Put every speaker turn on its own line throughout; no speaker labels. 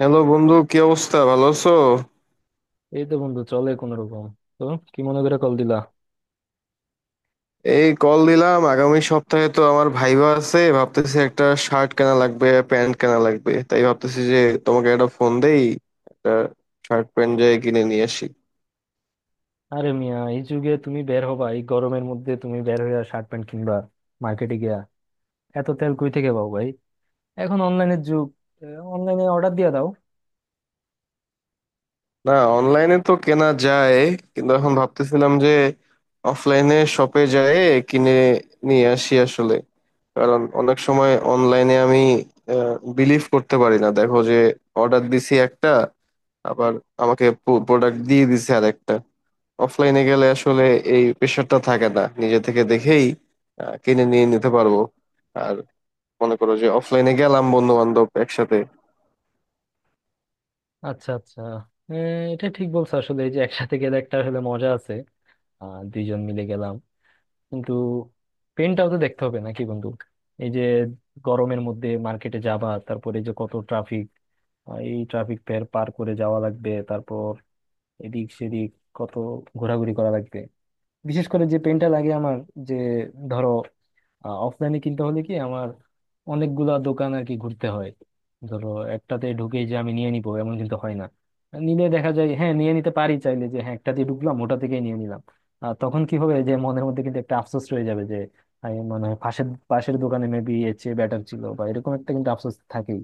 Hello বন্ধু, কি অবস্থা, ভালো আছো?
এই তো বন্ধু, চলে কোন রকম। তো কি মনে করে কল দিলা?
এই কল দিলাম, আগামী সপ্তাহে তো আমার ভাইবা আছে। ভাবতেছি একটা শার্ট কেনা লাগবে, প্যান্ট কেনা লাগবে। তাই ভাবতেছি যে তোমাকে একটা ফোন দেই, একটা শার্ট প্যান্ট যাই কিনে নিয়ে আসি।
আরে মিয়া, এই যুগে তুমি বের হবা? এই গরমের মধ্যে তুমি বের হইয়া শার্ট প্যান্ট কিনবা মার্কেটে গিয়া? এত তেল কই থেকে পাও ভাই? এখন অনলাইনের যুগ, অনলাইনে অর্ডার দিয়া দাও।
না, অনলাইনে তো কেনা যায়, কিন্তু এখন ভাবতেছিলাম যে অফলাইনে শপে যায় কিনে নিয়ে আসি আসলে। কারণ অনেক সময় অনলাইনে আমি বিলিভ করতে পারি না। দেখো যে অর্ডার দিছি একটা, আবার আমাকে প্রোডাক্ট দিয়ে দিছে আর একটা। অফলাইনে গেলে আসলে এই প্রেশারটা থাকে না, নিজে থেকে দেখেই কিনে নিয়ে নিতে পারবো। আর মনে করো যে অফলাইনে গেলাম বন্ধু বান্ধব একসাথে।
আচ্ছা, আচ্ছা। এ, এটা ঠিক বলছো, আসলে এই যে একসাথে গেলে একটা আসলে মজা আছে। দুইজন মিলে গেলাম, কিন্তু পেনটাও তো দেখতে হবে নাকি বন্ধু? এই যে গরমের মধ্যে মার্কেটে যাবা, তারপরে এই যে কত ট্রাফিক, এই ট্রাফিক পার করে যাওয়া লাগবে, তারপর এদিক সেদিক কত ঘোরাঘুরি করা লাগবে। বিশেষ করে যে পেনটা লাগে আমার, যে, ধরো অফলাইনে কিনতে হলে কি আমার অনেকগুলা দোকান আর কি ঘুরতে হয়। ধরো একটাতে ঢুকেই যে আমি নিয়ে নিবো এমন কিন্তু হয় না। নিলে দেখা যায় হ্যাঁ নিয়ে নিতে পারি, চাইলে যে হ্যাঁ একটাতে ঢুকলাম ওটা থেকেই নিয়ে নিলাম। আর তখন কি হবে যে মনের মধ্যে কিন্তু একটা আফসোস রয়ে যাবে যে আমি মনে হয় পাশের পাশের দোকানে মেবি এর চেয়ে বেটার ছিল, বা এরকম একটা কিন্তু আফসোস থাকেই।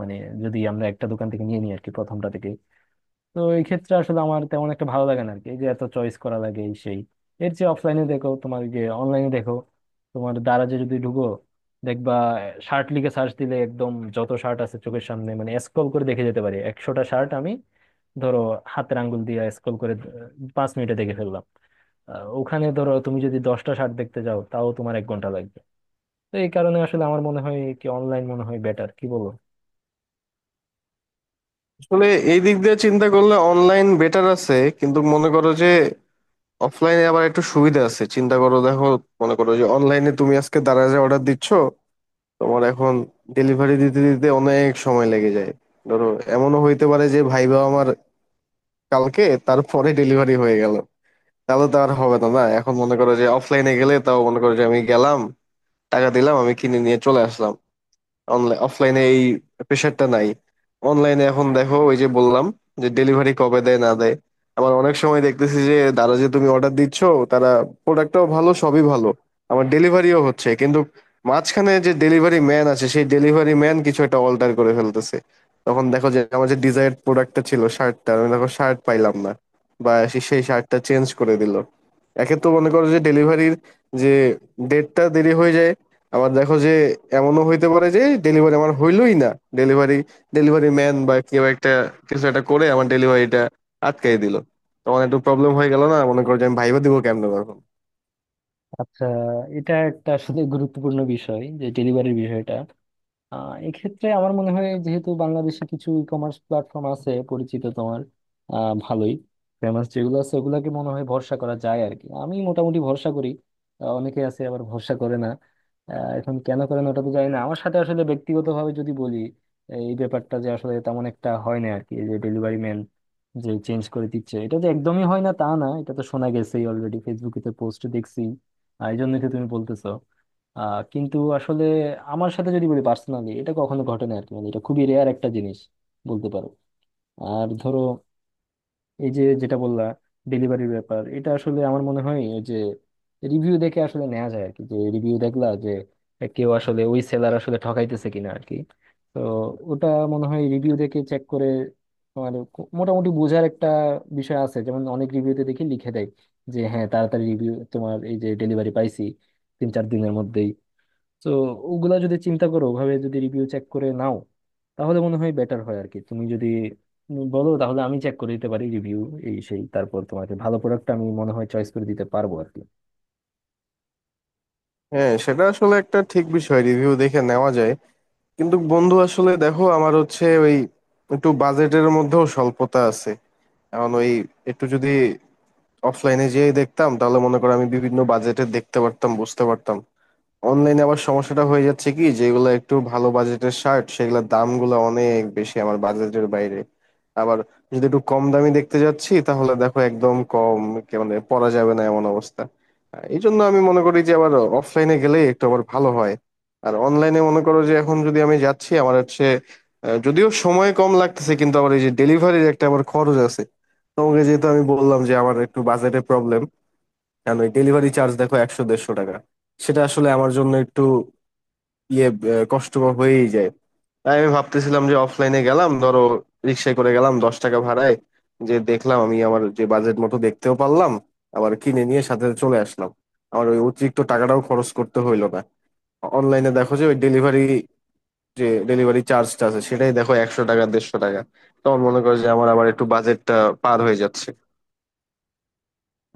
মানে, যদি আমরা একটা দোকান থেকে নিয়ে নিই আর কি, প্রথমটা থেকে। তো এই ক্ষেত্রে আসলে আমার তেমন একটা ভালো লাগে না আর কি, এই যে এত চয়েস করা লাগে এই সেই। এর যে অফলাইনে দেখো, তোমার যে অনলাইনে দেখো, তোমার দারাজে যদি ঢুকো, দেখবা শার্ট লিখে সার্চ দিলে একদম যত শার্ট আছে চোখের সামনে, মানে স্ক্রল করে দেখে যেতে পারি 100টা শার্ট আমি, ধরো, হাতের আঙ্গুল দিয়ে স্ক্রল করে, 5 মিনিটে দেখে ফেললাম। ওখানে ধরো তুমি যদি 10টা শার্ট দেখতে যাও তাও তোমার 1 ঘন্টা লাগবে। তো এই কারণে আসলে আমার মনে হয় কি, অনলাইন মনে হয় বেটার, কি বলো?
আসলে এই দিক দিয়ে চিন্তা করলে অনলাইন বেটার আছে, কিন্তু মনে করো যে অফলাইনে আবার একটু সুবিধা আছে। চিন্তা করো দেখো, মনে করো যে অনলাইনে তুমি আজকে দারাজে অর্ডার দিচ্ছ, তোমার এখন ডেলিভারি দিতে দিতে অনেক সময় লেগে যায়। ধরো এমনও হইতে পারে যে ভাইবা আমার কালকে, তারপরে ডেলিভারি হয়ে গেল, তাহলে তো আর হবে না। না, এখন মনে করো যে অফলাইনে গেলে, তাও মনে করো যে আমি গেলাম, টাকা দিলাম, আমি কিনে নিয়ে চলে আসলাম। অনলাইন অফলাইনে এই প্রেশারটা নাই। অনলাইনে এখন দেখো ওই যে বললাম, যে ডেলিভারি কবে দেয় না দেয়। আমার অনেক সময় দেখতেছি যে তারা, যে তুমি অর্ডার দিচ্ছ, তারা প্রোডাক্টটাও ভালো, সবই ভালো, আমার ডেলিভারিও হচ্ছে, কিন্তু মাঝখানে যে ডেলিভারি ম্যান আছে, সেই ডেলিভারি ম্যান কিছু একটা অল্টার করে ফেলতেছে। তখন দেখো যে আমার যে ডিজায়ার্ড প্রোডাক্টটা ছিল শার্টটা, আমি দেখো শার্ট পাইলাম না, বা সেই শার্টটা চেঞ্জ করে দিল। একে তো মনে করো যে ডেলিভারির যে ডেটটা দেরি হয়ে যায়, আবার দেখো যে এমনও হইতে পারে যে ডেলিভারি আমার হইলোই না। ডেলিভারি, ডেলিভারি ম্যান বা কেউ একটা কিছু একটা করে আমার ডেলিভারিটা আটকাই দিল, তখন একটু প্রবলেম হয়ে গেল না? মনে করো যে আমি ভাইবা দিব কেমনে তখন।
আচ্ছা, এটা একটা আসলে গুরুত্বপূর্ণ বিষয়, যে ডেলিভারির বিষয়টা। এক্ষেত্রে আমার মনে হয় যেহেতু বাংলাদেশে কিছু ই কমার্স প্ল্যাটফর্ম আছে পরিচিত তোমার, ভালোই ফেমাস, যেগুলো আছে ওগুলোকে মনে হয় ভরসা করা যায় আর কি, আমি মোটামুটি ভরসা করি। অনেকে আছে আবার ভরসা করে না। এখন কেন করে না ওটা তো জানি না। আমার সাথে আসলে ব্যক্তিগতভাবে যদি বলি, এই ব্যাপারটা যে আসলে তেমন একটা হয় না আর কি, এই যে ডেলিভারি ম্যান যে চেঞ্জ করে দিচ্ছে, এটা যে একদমই হয় না তা না, এটা তো শোনা গেছেই অলরেডি, ফেসবুকে তো পোস্ট দেখছি। আর এই জন্যই তো তুমি বলতেছো। কিন্তু আসলে আমার সাথে যদি বলি পার্সোনালি, এটা কখনো ঘটে না আর কি, মানে এটা খুবই রেয়ার একটা জিনিস বলতে পারো। আর ধরো এই যে যেটা বললা ডেলিভারির ব্যাপার, এটা আসলে আমার মনে হয় ওই যে রিভিউ দেখে আসলে নেওয়া যায় আর কি। যে রিভিউ দেখলা যে কেউ আসলে ওই সেলার আসলে ঠকাইতেছে কিনা আর কি। তো ওটা মনে হয় রিভিউ দেখে চেক করে মোটামুটি বোঝার একটা বিষয় আছে। যেমন অনেক রিভিউতে দেখি লিখে দেয় যে হ্যাঁ তাড়াতাড়ি রিভিউ, তোমার এই যে ডেলিভারি পাইছি 3-4 দিনের মধ্যেই। তো ওগুলা যদি চিন্তা করো, ওভাবে যদি রিভিউ চেক করে নাও তাহলে মনে হয় বেটার হয় আর কি। তুমি যদি বলো তাহলে আমি চেক করে দিতে পারি রিভিউ এই সেই, তারপর তোমাকে ভালো প্রোডাক্ট আমি মনে হয় চয়েস করে দিতে পারবো আর কি।
হ্যাঁ, সেটা আসলে একটা ঠিক বিষয়, রিভিউ দেখে নেওয়া যায়। কিন্তু বন্ধু আসলে দেখো, আমার হচ্ছে ওই একটু বাজেটের মধ্যেও স্বল্পতা আছে। এখন ওই একটু যদি অফলাইনে যেয়ে দেখতাম, তাহলে মনে করো আমি বিভিন্ন বাজেটে দেখতে পারতাম, বুঝতে পারতাম। অনলাইনে আবার সমস্যাটা হয়ে যাচ্ছে কি, যেগুলো একটু ভালো বাজেটের শার্ট সেগুলোর দামগুলো অনেক বেশি, আমার বাজেটের বাইরে। আবার যদি একটু কম দামি দেখতে যাচ্ছি, তাহলে দেখো একদম কম, মানে পরা যাবে না এমন অবস্থা। এই জন্য আমি মনে করি যে আবার অফলাইনে গেলেই একটু আবার ভালো হয়। আর অনলাইনে মনে করো যে এখন যদি আমি যাচ্ছি, আমার হচ্ছে যদিও সময় কম লাগতেছে, কিন্তু আবার এই যে ডেলিভারির একটা আবার খরচ আছে। তোমাকে যেহেতু আমি বললাম যে আমার একটু বাজেটের প্রবলেম, কেন ডেলিভারি চার্জ দেখো 100 150 টাকা, সেটা আসলে আমার জন্য একটু ইয়ে, কষ্টকর হয়েই যায়। তাই আমি ভাবতেছিলাম যে অফলাইনে গেলাম, ধরো রিক্সায় করে গেলাম 10 টাকা ভাড়ায়, যে দেখলাম আমি আমার যে বাজেট মতো, দেখতেও পারলাম, আবার কিনে নিয়ে সাথে সাথে চলে আসলাম। আমার ওই অতিরিক্ত টাকাটাও খরচ করতে হইলো না। অনলাইনে দেখো যে ওই ডেলিভারি, যে ডেলিভারি চার্জটা আছে, সেটাই দেখো 100 টাকা 150 টাকা। তখন মনে করো যে আমার আবার একটু বাজেটটা পার হয়ে যাচ্ছে।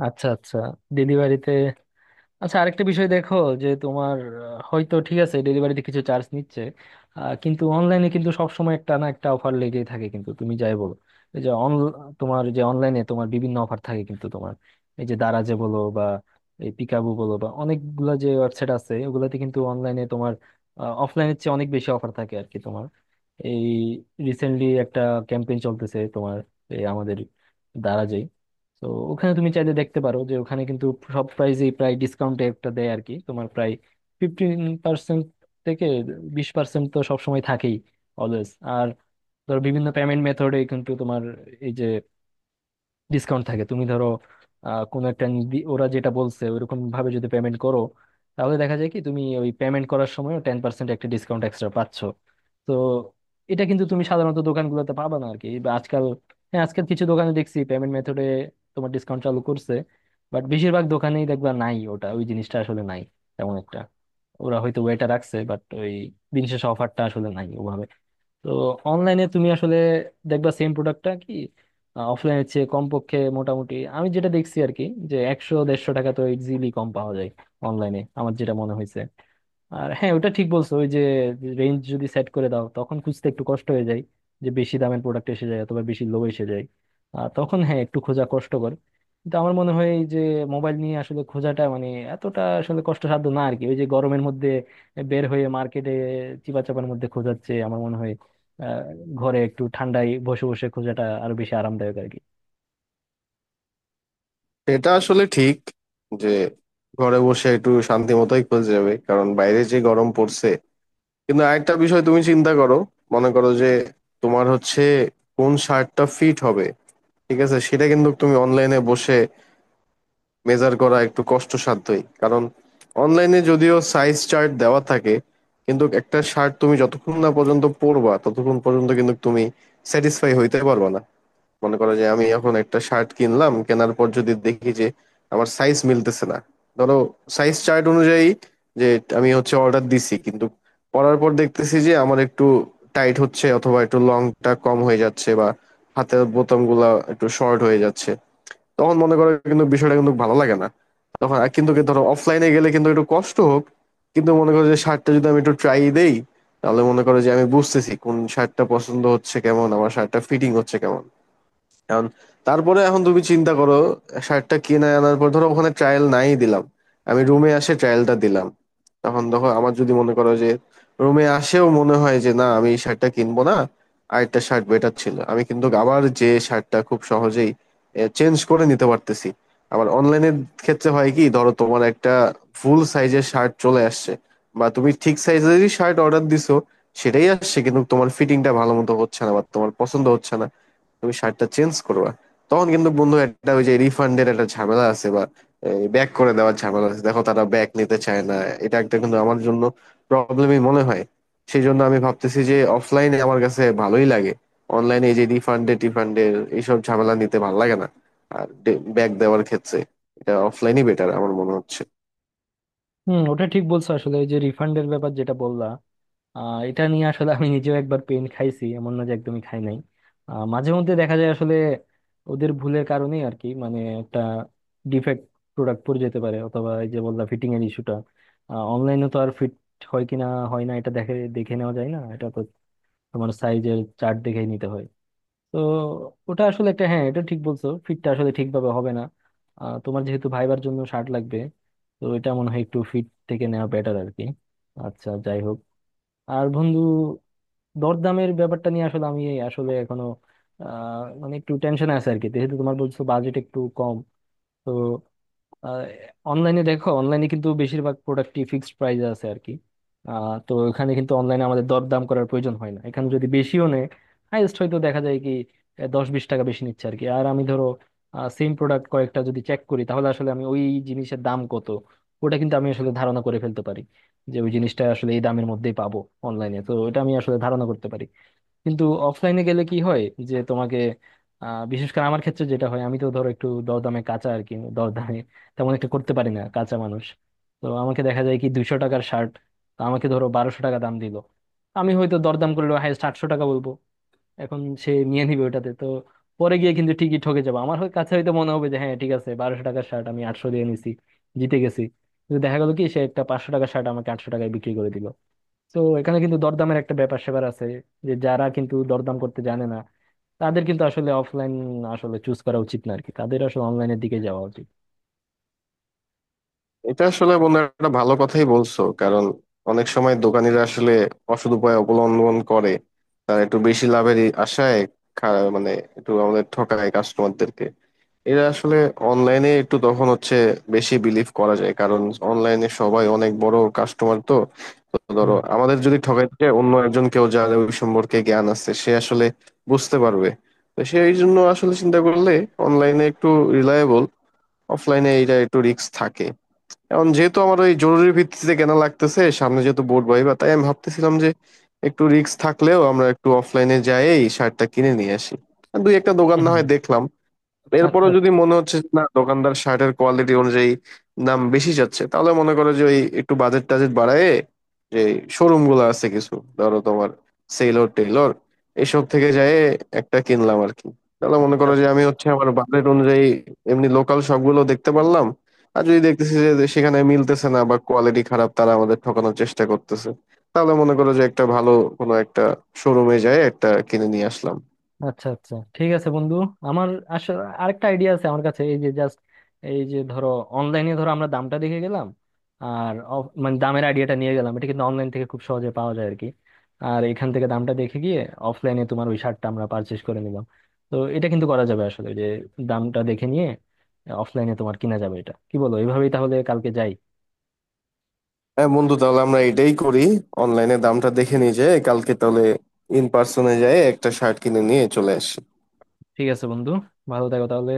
আচ্ছা, আচ্ছা। দিদিবাড়িতে। আচ্ছা, আরেকটা বিষয় দেখো, যে তোমার, হয়তো ঠিক আছে ডেলিভারিতে কিছু চার্জ নিচ্ছে, কিন্তু অনলাইনে কিন্তু সবসময় একটা না একটা অফার লেগেই থাকে, কিন্তু তুমি যাই বলো। এই যে অন, তোমার যে অনলাইনে তোমার বিভিন্ন অফার থাকে কিন্তু তোমার, এই যে দারাজে বলো বা এই পিকাবু বলো বা অনেকগুলা যে ওয়েবসাইট আছে ওগুলাতে, কিন্তু অনলাইনে তোমার অফলাইনের চেয়ে অনেক বেশি অফার থাকে আর কি তোমার। এই রিসেন্টলি একটা ক্যাম্পেইন চলতেছে তোমার, এই আমাদের দারাজে। তো ওখানে তুমি চাইলে দেখতে পারো যে ওখানে কিন্তু সব প্রাইসেই প্রায় ডিসকাউন্টে একটা দেয় আর কি, তোমার প্রায় 15% থেকে 20% তো সবসময় থাকেই, অলওয়েজ। আর ধর বিভিন্ন পেমেন্ট মেথডে কিন্তু তোমার এই যে ডিসকাউন্ট থাকে, তুমি ধরো, আহ, কোনো একটা নির্দি- ওরা যেটা বলছে ওইরকম ভাবে যদি পেমেন্ট করো, তাহলে দেখা যায় কি তুমি ওই পেমেন্ট করার সময় 10% একটা ডিসকাউন্ট এক্সট্রা পাচ্ছ। তো এটা কিন্তু তুমি সাধারণত দোকানগুলোতে পাবা না আর কি, বা আজকাল, হ্যাঁ আজকাল কিছু দোকানে দেখছি পেমেন্ট মেথডে তোমার ডিসকাউন্ট চালু করছে, বাট বেশিরভাগ দোকানেই দেখবা নাই ওটা, ওই জিনিসটা আসলে নাই তেমন একটা। ওরা হয়তো ওয়েটা রাখছে বাট ওই দিন শেষে অফারটা আসলে নাই। তো অনলাইনে তুমি আসলে দেখবা সেম প্রোডাক্টটা কি অফলাইনের চেয়ে কমপক্ষে, মোটামুটি আমি যেটা দেখছি আর কি, যে 100-150 টাকা তো ইজিলি কম পাওয়া যায় অনলাইনে, আমার যেটা মনে হয়েছে। আর হ্যাঁ ওটা ঠিক বলছো, ওই যে রেঞ্জ যদি সেট করে দাও তখন খুঁজতে একটু কষ্ট হয়ে যায়, যে বেশি দামের প্রোডাক্ট এসে যায় অথবা বেশি লো এসে যায়, আর তখন হ্যাঁ একটু খোঁজা কষ্টকর। কিন্তু আমার মনে হয় এই যে মোবাইল নিয়ে আসলে খোঁজাটা মানে এতটা আসলে কষ্টসাধ্য না আর কি, ওই যে গরমের মধ্যে বের হয়ে মার্কেটে চিপাচাপার মধ্যে খোঁজার চেয়ে আমার মনে হয় আহ ঘরে একটু ঠান্ডায় বসে বসে খোঁজাটা আরো বেশি আরামদায়ক আর কি।
এটা আসলে ঠিক, যে ঘরে বসে একটু শান্তি মতোই খোঁজ যাবে, কারণ বাইরে যে গরম পড়ছে। কিন্তু আরেকটা বিষয় তুমি চিন্তা করো, মনে করো যে তোমার হচ্ছে কোন শার্টটা ফিট হবে, ঠিক আছে, সেটা কিন্তু তুমি অনলাইনে বসে মেজার করা একটু কষ্টসাধ্যই। কারণ অনলাইনে যদিও সাইজ চার্ট দেওয়া থাকে, কিন্তু একটা শার্ট তুমি যতক্ষণ না পর্যন্ত পরবা, ততক্ষণ পর্যন্ত কিন্তু তুমি স্যাটিসফাই হইতে পারবা না। মনে করো যে আমি এখন একটা শার্ট কিনলাম, কেনার পর যদি দেখি যে আমার সাইজ মিলতেছে না, ধরো সাইজ চার্ট অনুযায়ী যে আমি হচ্ছে অর্ডার দিছি, কিন্তু পরার পর দেখতেছি যে আমার একটু টাইট হচ্ছে, অথবা একটু লংটা কম হয়ে যাচ্ছে, বা হাতের বোতাম গুলা একটু শর্ট হয়ে যাচ্ছে, তখন মনে করো কিন্তু বিষয়টা কিন্তু ভালো লাগে না। তখন আর কিন্তু কি, ধরো অফলাইনে গেলে কিন্তু একটু কষ্ট হোক, কিন্তু মনে করো যে শার্টটা যদি আমি একটু ট্রাই দেই, তাহলে মনে করো যে আমি বুঝতেছি কোন শার্টটা পছন্দ হচ্ছে কেমন, আমার শার্টটা ফিটিং হচ্ছে কেমন। এখন তারপরে এখন তুমি চিন্তা করো, শার্টটা কিনে আনার পর ধরো ওখানে ট্রায়াল নাই দিলাম, আমি রুমে আসে ট্রায়ালটা দিলাম, তখন দেখো আমার যদি মনে করো যে রুমে আসেও মনে হয় যে না আমি এই শার্টটা কিনবো না, আরেকটা শার্ট বেটার ছিল, আমি কিন্তু আবার যে শার্টটা খুব সহজেই চেঞ্জ করে নিতে পারতেছি। আবার অনলাইনের ক্ষেত্রে হয় কি, ধরো তোমার একটা ফুল সাইজের শার্ট চলে আসছে, বা তুমি ঠিক সাইজেরই শার্ট অর্ডার দিছো, সেটাই আসছে, কিন্তু তোমার ফিটিংটা ভালো মতো হচ্ছে না বা তোমার পছন্দ হচ্ছে না, তুমি শার্টটা চেঞ্জ করবা, তখন কিন্তু বন্ধু একটা ওই যে রিফান্ডের একটা ঝামেলা আছে, বা ব্যাক করে দেওয়ার ঝামেলা আছে, দেখো তারা ব্যাক নিতে চায় না। এটা একটা কিন্তু আমার জন্য প্রবলেমই মনে হয়। সেই জন্য আমি ভাবতেছি যে অফলাইনে আমার কাছে ভালোই লাগে, অনলাইনে এই যে রিফান্ডে টিফান্ডের এইসব ঝামেলা নিতে ভালো লাগে না। আর ব্যাক দেওয়ার ক্ষেত্রে এটা অফলাইনই বেটার আমার মনে হচ্ছে।
হম, ওটা ঠিক বলছো আসলে, ওই যে রিফান্ডের ব্যাপার যেটা বললা, এটা নিয়ে আসলে আমি নিজেও একবার পেন খাইছি, এমন না যে একদমই খাই নাই। মাঝে মধ্যে দেখা যায় আসলে ওদের ভুলের কারণেই আর কি, মানে একটা ডিফেক্ট প্রোডাক্ট পড়ে যেতে পারে, অথবা এই যে বললা ফিটিং এর ইস্যুটা। অনলাইনে তো আর ফিট হয় কিনা হয় না এটা দেখে দেখে নেওয়া যায় না, এটা তো তোমার সাইজের চার্ট দেখেই নিতে হয়। তো ওটা আসলে একটা, হ্যাঁ এটা ঠিক বলছো, ফিটটা আসলে ঠিকভাবে হবে না। তোমার যেহেতু ভাইবার জন্য শার্ট লাগবে, তো এটা মনে হয় একটু ফিট থেকে নেওয়া বেটার আর কি। আচ্ছা, যাই হোক। আর বন্ধু, দরদামের ব্যাপারটা নিয়ে আসলে আমি এই আসলে এখনো মানে একটু টেনশন আছে আর কি, যেহেতু তোমার বলছো বাজেট একটু কম। তো অনলাইনে দেখো, অনলাইনে কিন্তু বেশিরভাগ প্রোডাক্টই ফিক্সড প্রাইস আছে আর কি। তো এখানে কিন্তু অনলাইনে আমাদের দরদাম করার প্রয়োজন হয় না, এখানে যদি বেশিও নেয় হাইয়েস্ট হয়তো দেখা যায় কি 10-20 টাকা বেশি নিচ্ছে আর কি। আর আমি ধরো সেম প্রোডাক্ট কয়েকটা যদি চেক করি তাহলে আসলে আমি ওই জিনিসের দাম কত ওটা কিন্তু আমি আসলে ধারণা করে ফেলতে পারি, যে ওই জিনিসটা আসলে এই দামের মধ্যেই পাবো। অনলাইনে তো এটা আমি আসলে ধারণা করতে পারি, কিন্তু অফলাইনে গেলে কি হয় যে তোমাকে বিশেষ করে আমার ক্ষেত্রে যেটা হয়, আমি তো ধরো একটু দরদামে কাঁচা আর কি, দরদামে তেমন একটা করতে পারি না, কাঁচা মানুষ। তো আমাকে দেখা যায় কি 200 টাকার শার্ট তো আমাকে ধরো 1200 টাকা দাম দিল, আমি হয়তো দরদাম করলে হাইয়েস্ট 800 টাকা বলবো, এখন সে নিয়ে নিবে ওটাতে। তো পরে গিয়ে কিন্তু ঠিকই ঠকে যাবো, আমার কাছে হয়তো মনে হবে যে হ্যাঁ ঠিক আছে, 1200 টাকার শার্ট আমি 800 দিয়ে নিছি, জিতে গেছি, কিন্তু দেখা গেল কি সে একটা 500 টাকার শার্ট আমাকে 800 টাকায় বিক্রি করে দিল। তো এখানে কিন্তু দরদামের একটা ব্যাপার স্যাপার আছে যে যারা কিন্তু দরদাম করতে জানে না, তাদের কিন্তু আসলে অফলাইন আসলে চুজ করা উচিত না আর কি, তাদের আসলে অনলাইনের দিকে যাওয়া উচিত।
এটা আসলে বন্ধু একটা ভালো কথাই বলছো, কারণ অনেক সময় দোকানিরা আসলে অসৎ উপায় অবলম্বন করে, তারা একটু বেশি লাভের আশায় মানে একটু আমাদের ঠকায় কাস্টমারদেরকে। এরা আসলে অনলাইনে একটু তখন হচ্ছে বেশি বিলিভ করা যায়, কারণ অনলাইনে সবাই অনেক বড় কাস্টমার তো। তো ধরো
হুম।
আমাদের যদি ঠকাইতে যায়, অন্য একজন কেউ যার ওই সম্পর্কে জ্ঞান আছে সে আসলে বুঝতে পারবে। তো সেই জন্য আসলে চিন্তা করলে অনলাইনে একটু রিলায়েবল, অফলাইনে এটা একটু রিস্ক থাকে। এখন যেহেতু আমার ওই জরুরি ভিত্তিতে কেনা লাগতেছে, সামনে যেহেতু বোর্ড ভাইবা, তাই আমি ভাবতেছিলাম যে একটু রিস্ক থাকলেও আমরা একটু অফলাইনে যাই, শার্টটা কিনে নিয়ে আসি। আর দুই একটা দোকান না হয়
হুম।
দেখলাম, এরপরও
আচ্ছা।
যদি মনে হচ্ছে যে না দোকানদার শার্টের কোয়ালিটি অনুযায়ী দাম বেশি চাচ্ছে, তাহলে মনে করো যে ওই একটু বাজেট টাজেট বাড়ায়, যে শোরুম গুলো আছে কিছু, ধরো তোমার সেলর টেলর এসব থেকে যায় একটা কিনলাম আর কি। তাহলে মনে করো যে আমি হচ্ছে আমার বাজেট অনুযায়ী এমনি লোকাল শপগুলো দেখতে পারলাম। আর যদি দেখতেছি যে সেখানে মিলতেছে না বা কোয়ালিটি খারাপ, তারা আমাদের ঠকানোর চেষ্টা করতেছে, তাহলে মনে করো যে একটা ভালো কোনো একটা শোরুমে যায় একটা কিনে নিয়ে আসলাম।
আচ্ছা, আচ্ছা, ঠিক আছে বন্ধু। আমার আসলে আরেকটা আইডিয়া আছে আমার কাছে, এই যে জাস্ট এই যে ধরো অনলাইনে ধরো আমরা দামটা দেখে গেলাম, আর মানে দামের আইডিয়াটা নিয়ে গেলাম, এটা কিন্তু অনলাইন থেকে খুব সহজে পাওয়া যায় আর কি। আর এখান থেকে দামটা দেখে গিয়ে অফলাইনে তোমার ওই শার্টটা আমরা পারচেস করে নিলাম। তো এটা কিন্তু করা যাবে আসলে, যে দামটা দেখে নিয়ে অফলাইনে তোমার কিনা যাবে। এটা কি বলো, এইভাবেই তাহলে কালকে যাই?
হ্যাঁ বন্ধু, তাহলে আমরা এটাই করি, অনলাইনে দামটা দেখে নিয়ে যাই কালকে, তাহলে ইন পার্সনে যাই একটা শার্ট কিনে নিয়ে চলে আসি।
ঠিক আছে বন্ধু, ভালো থাকো তাহলে।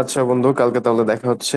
আচ্ছা বন্ধু, কালকে তাহলে দেখা হচ্ছে।